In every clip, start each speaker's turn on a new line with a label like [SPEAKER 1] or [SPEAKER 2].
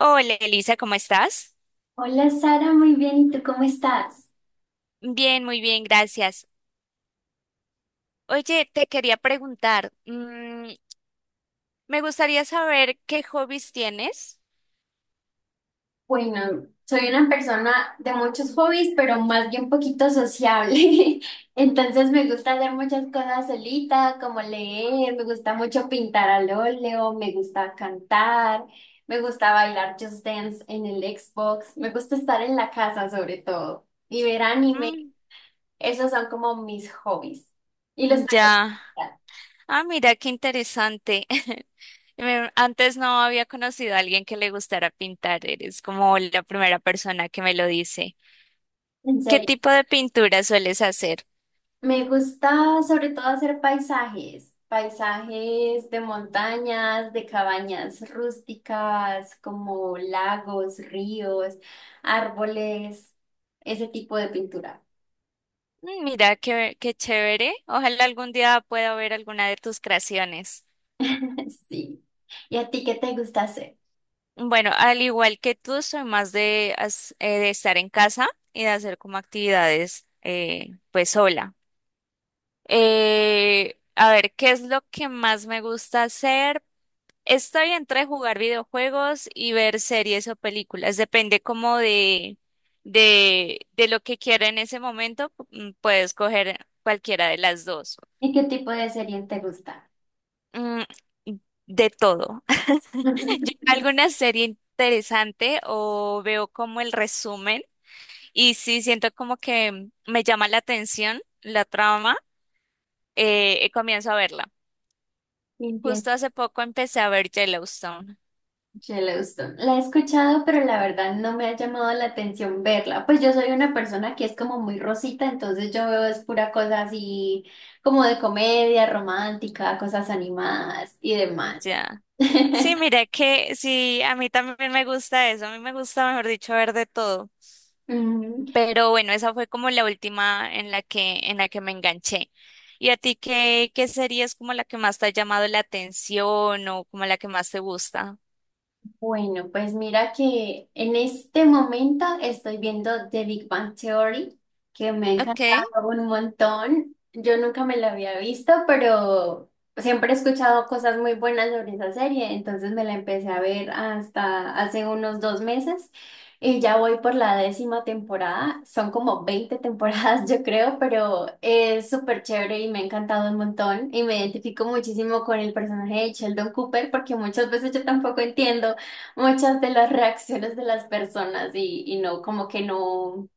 [SPEAKER 1] Hola Elisa, ¿cómo estás?
[SPEAKER 2] Hola Sara, muy bien. ¿Y tú cómo estás?
[SPEAKER 1] Bien, muy bien, gracias. Oye, te quería preguntar, me gustaría saber qué hobbies tienes.
[SPEAKER 2] Bueno, soy una persona de muchos hobbies, pero más bien poquito sociable. Entonces me gusta hacer muchas cosas solita, como leer, me gusta mucho pintar al óleo, me gusta cantar, me gusta bailar Just Dance en el Xbox, me gusta estar en la casa sobre todo y ver anime.
[SPEAKER 1] Mm,
[SPEAKER 2] Esos son como mis hobbies. ¿Y los tuyos?
[SPEAKER 1] ya. Ah, mira, qué interesante. Antes no había conocido a alguien que le gustara pintar. Eres como la primera persona que me lo dice.
[SPEAKER 2] ¿En
[SPEAKER 1] ¿Qué
[SPEAKER 2] serio?
[SPEAKER 1] tipo de pintura sueles hacer?
[SPEAKER 2] Me gusta sobre todo hacer paisajes, paisajes de montañas, de cabañas rústicas, como lagos, ríos, árboles, ese tipo de pintura.
[SPEAKER 1] Mm, mira, qué chévere. Ojalá algún día pueda ver alguna de tus creaciones.
[SPEAKER 2] Sí. ¿Y a ti qué te gusta hacer?
[SPEAKER 1] Bueno, al igual que tú, soy más de de estar en casa y de hacer como actividades, pues sola. A ver, ¿qué es lo que más me gusta hacer? Estoy entre jugar videojuegos y ver series o películas. Depende como de lo que quiera en ese momento. Puedo escoger cualquiera de las dos.
[SPEAKER 2] ¿Y qué tipo de serie te gusta?
[SPEAKER 1] Mm, de todo. Yo veo alguna serie interesante o veo como el resumen. Y sí, siento como que me llama la atención la trama, y comienzo a verla.
[SPEAKER 2] Entiendo.
[SPEAKER 1] Justo hace poco empecé a ver Yellowstone.
[SPEAKER 2] Yellowstone. La he escuchado, pero la verdad no me ha llamado la atención verla. Pues yo soy una persona que es como muy rosita, entonces yo veo es pura cosa así como de comedia romántica, cosas animadas y demás.
[SPEAKER 1] Ya. Sí, mira que sí, a mí también me gusta eso. A mí me gusta, mejor dicho, ver de todo.
[SPEAKER 2] Ujú.
[SPEAKER 1] Pero bueno, esa fue como la última en la que me enganché. ¿Y a ti qué serie es como la que más te ha llamado la atención o como la que más te gusta?
[SPEAKER 2] Bueno, pues mira que en este momento estoy viendo The Big Bang Theory, que me ha
[SPEAKER 1] Okay,
[SPEAKER 2] encantado un montón. Yo nunca me la había visto, pero siempre he escuchado cosas muy buenas sobre esa serie, entonces me la empecé a ver hasta hace unos dos meses y ya voy por la décima temporada. Son como 20 temporadas, yo creo, pero es súper chévere y me ha encantado un montón y me identifico muchísimo con el personaje de Sheldon Cooper porque muchas veces yo tampoco entiendo muchas de las reacciones de las personas y no, como que no,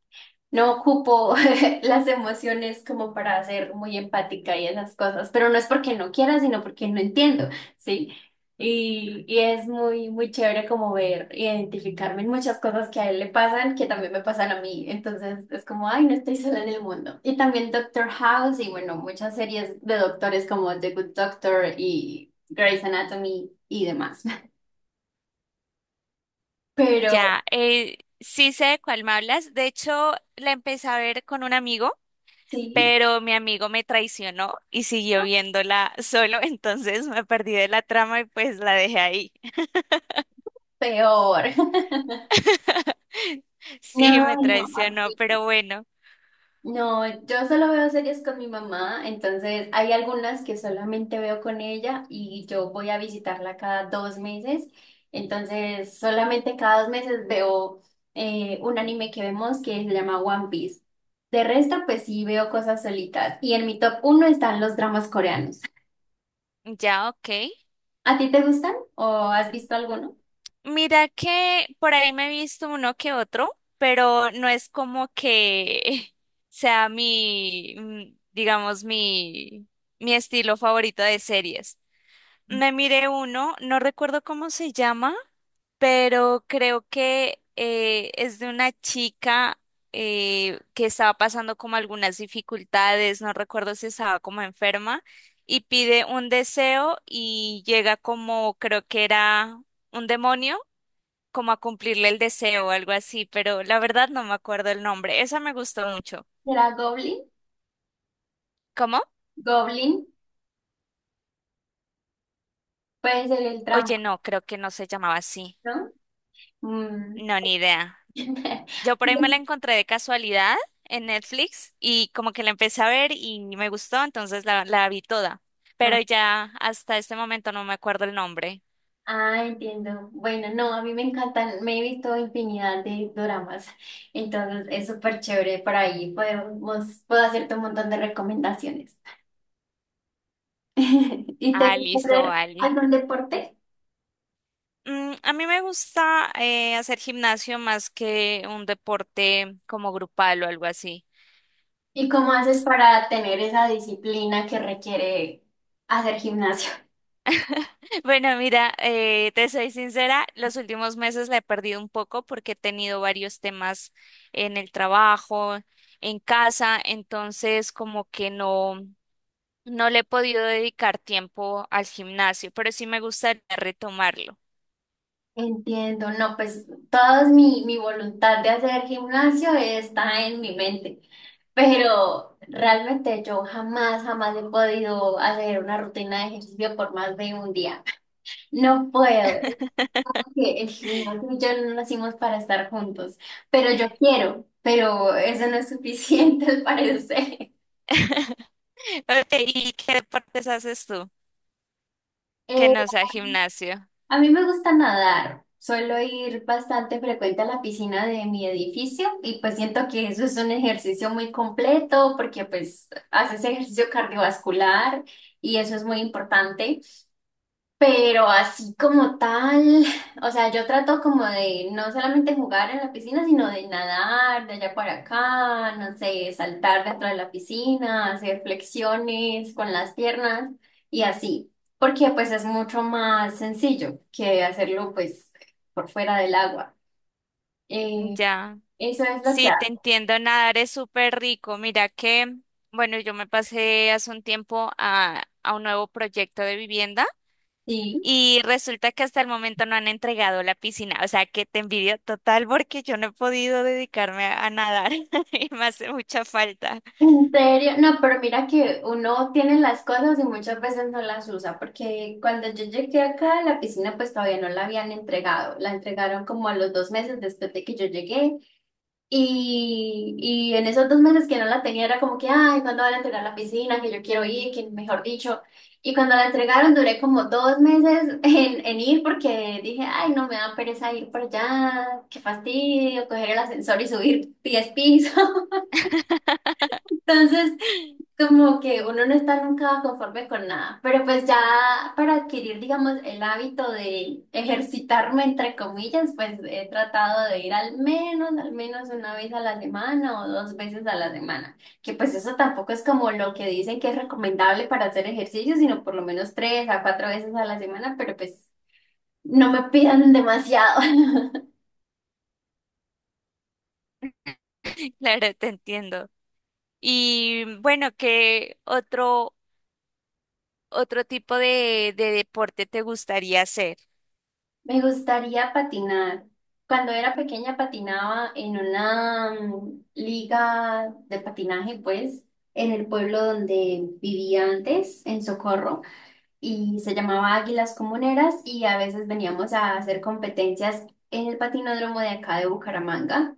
[SPEAKER 2] no ocupo las emociones como para ser muy empática y esas cosas, pero no es porque no quiera, sino porque no entiendo, ¿sí? Y es muy, muy chévere como ver, identificarme en muchas cosas que a él le pasan, que también me pasan a mí. Entonces es como, ay, no estoy sola en el mundo. Y también Doctor House y bueno, muchas series de doctores como The Good Doctor y Grey's Anatomy y demás. Pero
[SPEAKER 1] ya, sí sé de cuál me hablas. De hecho, la empecé a ver con un amigo,
[SPEAKER 2] sí.
[SPEAKER 1] pero mi amigo me traicionó y siguió viéndola solo, entonces me perdí de la trama y pues la dejé ahí.
[SPEAKER 2] Peor.
[SPEAKER 1] Sí,
[SPEAKER 2] No,
[SPEAKER 1] me
[SPEAKER 2] no,
[SPEAKER 1] traicionó,
[SPEAKER 2] Martín.
[SPEAKER 1] pero bueno,
[SPEAKER 2] No, yo solo veo series con mi mamá, entonces hay algunas que solamente veo con ella y yo voy a visitarla cada dos meses, entonces solamente cada dos meses veo un anime que vemos que se llama One Piece. De resto, pues sí veo cosas solitas y en mi top uno están los dramas coreanos.
[SPEAKER 1] ya, ok.
[SPEAKER 2] ¿A ti te gustan o has visto alguno?
[SPEAKER 1] Mira que por ahí me he visto uno que otro, pero no es como que sea mi, digamos, mi estilo favorito de series. Me miré uno, no recuerdo cómo se llama, pero creo que es de una chica que estaba pasando como algunas dificultades, no recuerdo si estaba como enferma, y pide un deseo y llega como, creo que era un demonio, como a cumplirle el deseo o algo así, pero la verdad no me acuerdo el nombre, esa me gustó mucho.
[SPEAKER 2] ¿Será Goblin?
[SPEAKER 1] ¿Cómo?
[SPEAKER 2] Goblin puede ser el
[SPEAKER 1] Oye,
[SPEAKER 2] trampa,
[SPEAKER 1] no, creo que no se llamaba así,
[SPEAKER 2] ¿no? Mm.
[SPEAKER 1] no, ni idea. Yo por ahí me la encontré de casualidad en Netflix y como que la empecé a ver y me gustó, entonces la vi toda.
[SPEAKER 2] Ah,
[SPEAKER 1] Pero ya hasta este momento no me acuerdo el nombre.
[SPEAKER 2] ah, entiendo. Bueno, no, a mí me encantan, me he visto infinidad de doramas, entonces es súper chévere por ahí, puedo hacerte un montón de recomendaciones. ¿Y te
[SPEAKER 1] Ah,
[SPEAKER 2] gusta
[SPEAKER 1] listo,
[SPEAKER 2] hacer
[SPEAKER 1] Ali.
[SPEAKER 2] algún deporte?
[SPEAKER 1] Mm, a mí me gusta hacer gimnasio más que un deporte como grupal o algo así.
[SPEAKER 2] ¿Y cómo haces para tener esa disciplina que requiere hacer gimnasio?
[SPEAKER 1] Bueno, mira, te soy sincera, los últimos meses la he perdido un poco porque he tenido varios temas en el trabajo, en casa, entonces como que no. No le he podido dedicar tiempo al gimnasio, pero sí me gustaría retomarlo.
[SPEAKER 2] Entiendo, no, pues toda mi voluntad de hacer gimnasio está en mi mente, pero realmente yo jamás, jamás he podido hacer una rutina de ejercicio por más de un día. No puedo. Es que el gimnasio y yo no nacimos para estar juntos, pero yo quiero, pero eso no es suficiente al parecer.
[SPEAKER 1] Ok, ¿y qué deportes haces tú que
[SPEAKER 2] Eh,
[SPEAKER 1] no sea gimnasio?
[SPEAKER 2] A mí me gusta nadar. Suelo ir bastante frecuente a la piscina de mi edificio y pues siento que eso es un ejercicio muy completo porque pues haces ejercicio cardiovascular y eso es muy importante. Pero así como tal, o sea, yo trato como de no solamente jugar en la piscina, sino de nadar de allá para acá, no sé, saltar dentro de la piscina, hacer flexiones con las piernas y así, porque pues es mucho más sencillo que hacerlo pues por fuera del agua. Eh,
[SPEAKER 1] Ya.
[SPEAKER 2] eso es lo que
[SPEAKER 1] Sí, te
[SPEAKER 2] hago.
[SPEAKER 1] entiendo, nadar es súper rico. Mira que, bueno, yo me pasé hace un tiempo a un nuevo proyecto de vivienda
[SPEAKER 2] Sí.
[SPEAKER 1] y resulta que hasta el momento no han entregado la piscina. O sea, que te envidio total porque yo no he podido dedicarme a nadar y me hace mucha falta.
[SPEAKER 2] En serio, no, pero mira que uno tiene las cosas y muchas veces no las usa, porque cuando yo llegué acá a la piscina, pues todavía no la habían entregado, la entregaron como a los dos meses después de que yo llegué, y en esos dos meses que no la tenía era como que, ay, ¿cuándo van a entregar la piscina? Que yo quiero ir, que mejor dicho, y cuando la entregaron duré como dos meses en ir porque dije, ay, no me da pereza ir por allá, qué fastidio, coger el ascensor y subir 10 pisos. Entonces como que uno no está nunca conforme con nada, pero pues ya para adquirir, digamos, el hábito de ejercitarme, entre comillas, pues he tratado de ir al menos una vez a la semana o dos veces a la semana, que pues eso tampoco es como lo que dicen que es recomendable para hacer ejercicio, sino por lo menos tres a cuatro veces a la semana, pero pues no me pidan demasiado.
[SPEAKER 1] Claro, te entiendo. Y bueno, ¿qué otro tipo de deporte te gustaría hacer?
[SPEAKER 2] Me gustaría patinar. Cuando era pequeña patinaba en una liga de patinaje, pues, en el pueblo donde vivía antes, en Socorro, y se llamaba Águilas Comuneras y a veces veníamos a hacer competencias en el patinódromo de acá de Bucaramanga.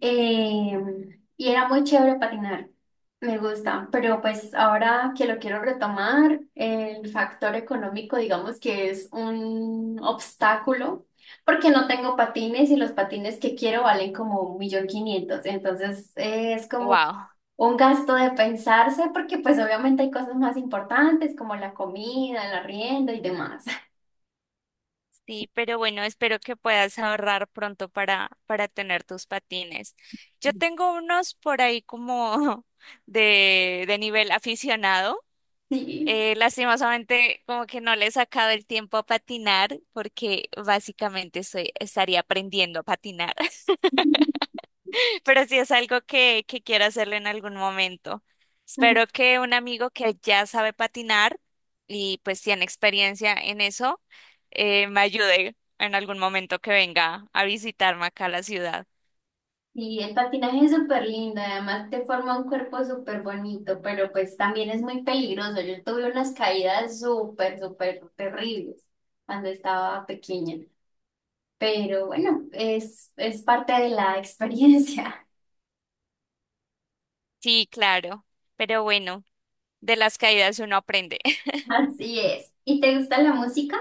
[SPEAKER 2] Y era muy chévere patinar, me gusta, pero pues ahora que lo quiero retomar, el factor económico digamos que es un obstáculo porque no tengo patines y los patines que quiero valen como un millón quinientos, entonces es como
[SPEAKER 1] Wow.
[SPEAKER 2] un gasto de pensarse porque pues obviamente hay cosas más importantes como la comida, el arriendo y demás.
[SPEAKER 1] Sí, pero bueno, espero que puedas ahorrar pronto para tener tus patines. Yo tengo unos por ahí como de nivel aficionado. Lastimosamente, como que no le he sacado el tiempo a patinar porque estaría aprendiendo a patinar. Pero sí es algo que quiero hacerlo en algún momento.
[SPEAKER 2] Sí.
[SPEAKER 1] Espero que un amigo que ya sabe patinar y pues tiene experiencia en eso, me ayude en algún momento que venga a visitarme acá a la ciudad.
[SPEAKER 2] Y el patinaje es súper lindo, además te forma un cuerpo súper bonito, pero pues también es muy peligroso. Yo tuve unas caídas súper, súper terribles cuando estaba pequeña, pero bueno, es parte de la experiencia.
[SPEAKER 1] Sí, claro, pero bueno, de las caídas uno aprende.
[SPEAKER 2] Así es. ¿Y te gusta la música?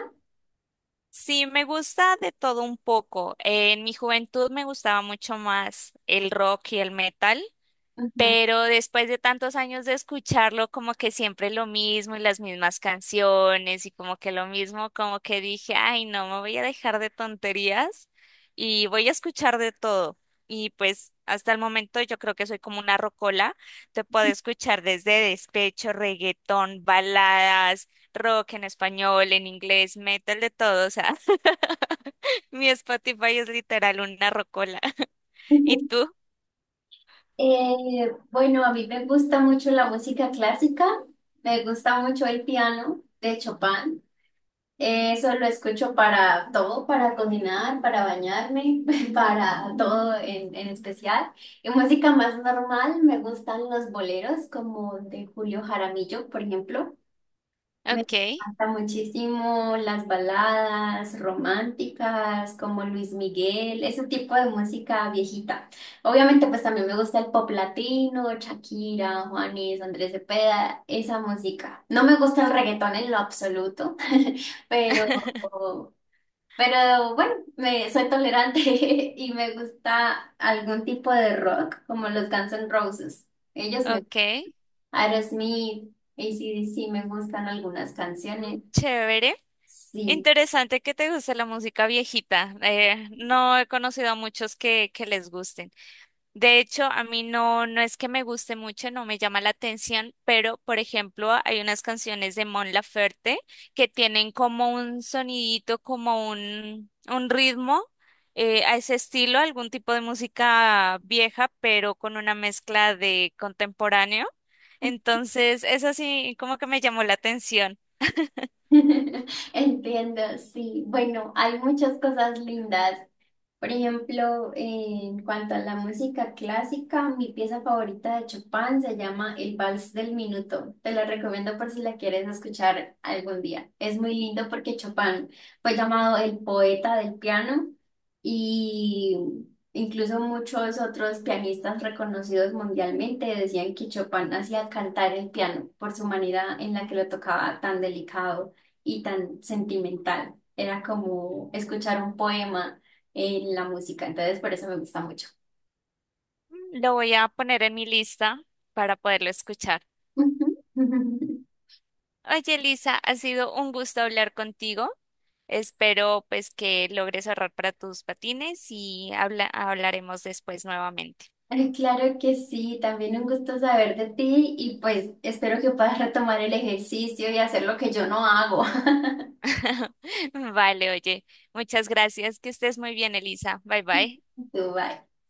[SPEAKER 1] Sí, me gusta de todo un poco. En mi juventud me gustaba mucho más el rock y el metal.
[SPEAKER 2] Ujú.
[SPEAKER 1] Pero después de tantos años de escucharlo, como que siempre lo mismo y las mismas canciones y como que lo mismo, como que dije, ay, no, me voy a dejar de tonterías y voy a escuchar de todo. Y pues hasta el momento yo creo que soy como una rocola, te puedo escuchar desde despecho, reggaetón, baladas, rock en español, en inglés, metal, de todo. O sea, mi Spotify es literal una rocola. ¿Y tú?
[SPEAKER 2] Bueno, a mí me gusta mucho la música clásica, me gusta mucho el piano de Chopin. Eso lo escucho para todo, para cocinar, para bañarme, para todo en especial. Y música más normal, me gustan los boleros como de Julio Jaramillo, por ejemplo. Me
[SPEAKER 1] Ok,
[SPEAKER 2] encanta muchísimo las baladas románticas como Luis Miguel, ese tipo de música viejita. Obviamente pues también me gusta el pop latino, Shakira, Juanes, Andrés Cepeda, esa música. No me gusta el reggaetón en lo absoluto, pero, pero bueno, me, soy tolerante y me gusta algún tipo de rock como los Guns N' Roses. Ellos me...
[SPEAKER 1] ok.
[SPEAKER 2] Aerosmith, AC/DC me gustan algunas canciones.
[SPEAKER 1] Chévere.
[SPEAKER 2] Sí,
[SPEAKER 1] Interesante que te guste la música viejita. No he conocido a muchos que les gusten. De hecho, a mí no, no es que me guste mucho, no me llama la atención, pero por ejemplo, hay unas canciones de Mon Laferte que tienen como un sonidito, como un ritmo, a ese estilo, algún tipo de música vieja, pero con una mezcla de contemporáneo. Entonces, eso sí, como que me llamó la atención.
[SPEAKER 2] entiendo, sí. Bueno, hay muchas cosas lindas. Por ejemplo, en cuanto a la música clásica, mi pieza favorita de Chopin se llama El Vals del Minuto. Te la recomiendo por si la quieres escuchar algún día. Es muy lindo porque Chopin fue llamado el poeta del piano y incluso muchos otros pianistas reconocidos mundialmente decían que Chopin hacía cantar el piano por su manera en la que lo tocaba tan delicado y tan sentimental. Era como escuchar un poema en la música, entonces por eso me gusta mucho.
[SPEAKER 1] Mm, lo voy a poner en mi lista para poderlo escuchar. Oye, Elisa, ha sido un gusto hablar contigo. Espero pues que logres ahorrar para tus patines y hablaremos después nuevamente.
[SPEAKER 2] Ay, claro que sí, también un gusto saber de ti y pues espero que puedas retomar el ejercicio y hacer lo que yo no hago.
[SPEAKER 1] Vale, oye, muchas gracias. Que estés muy bien, Elisa. Bye bye.
[SPEAKER 2] Tú, bye.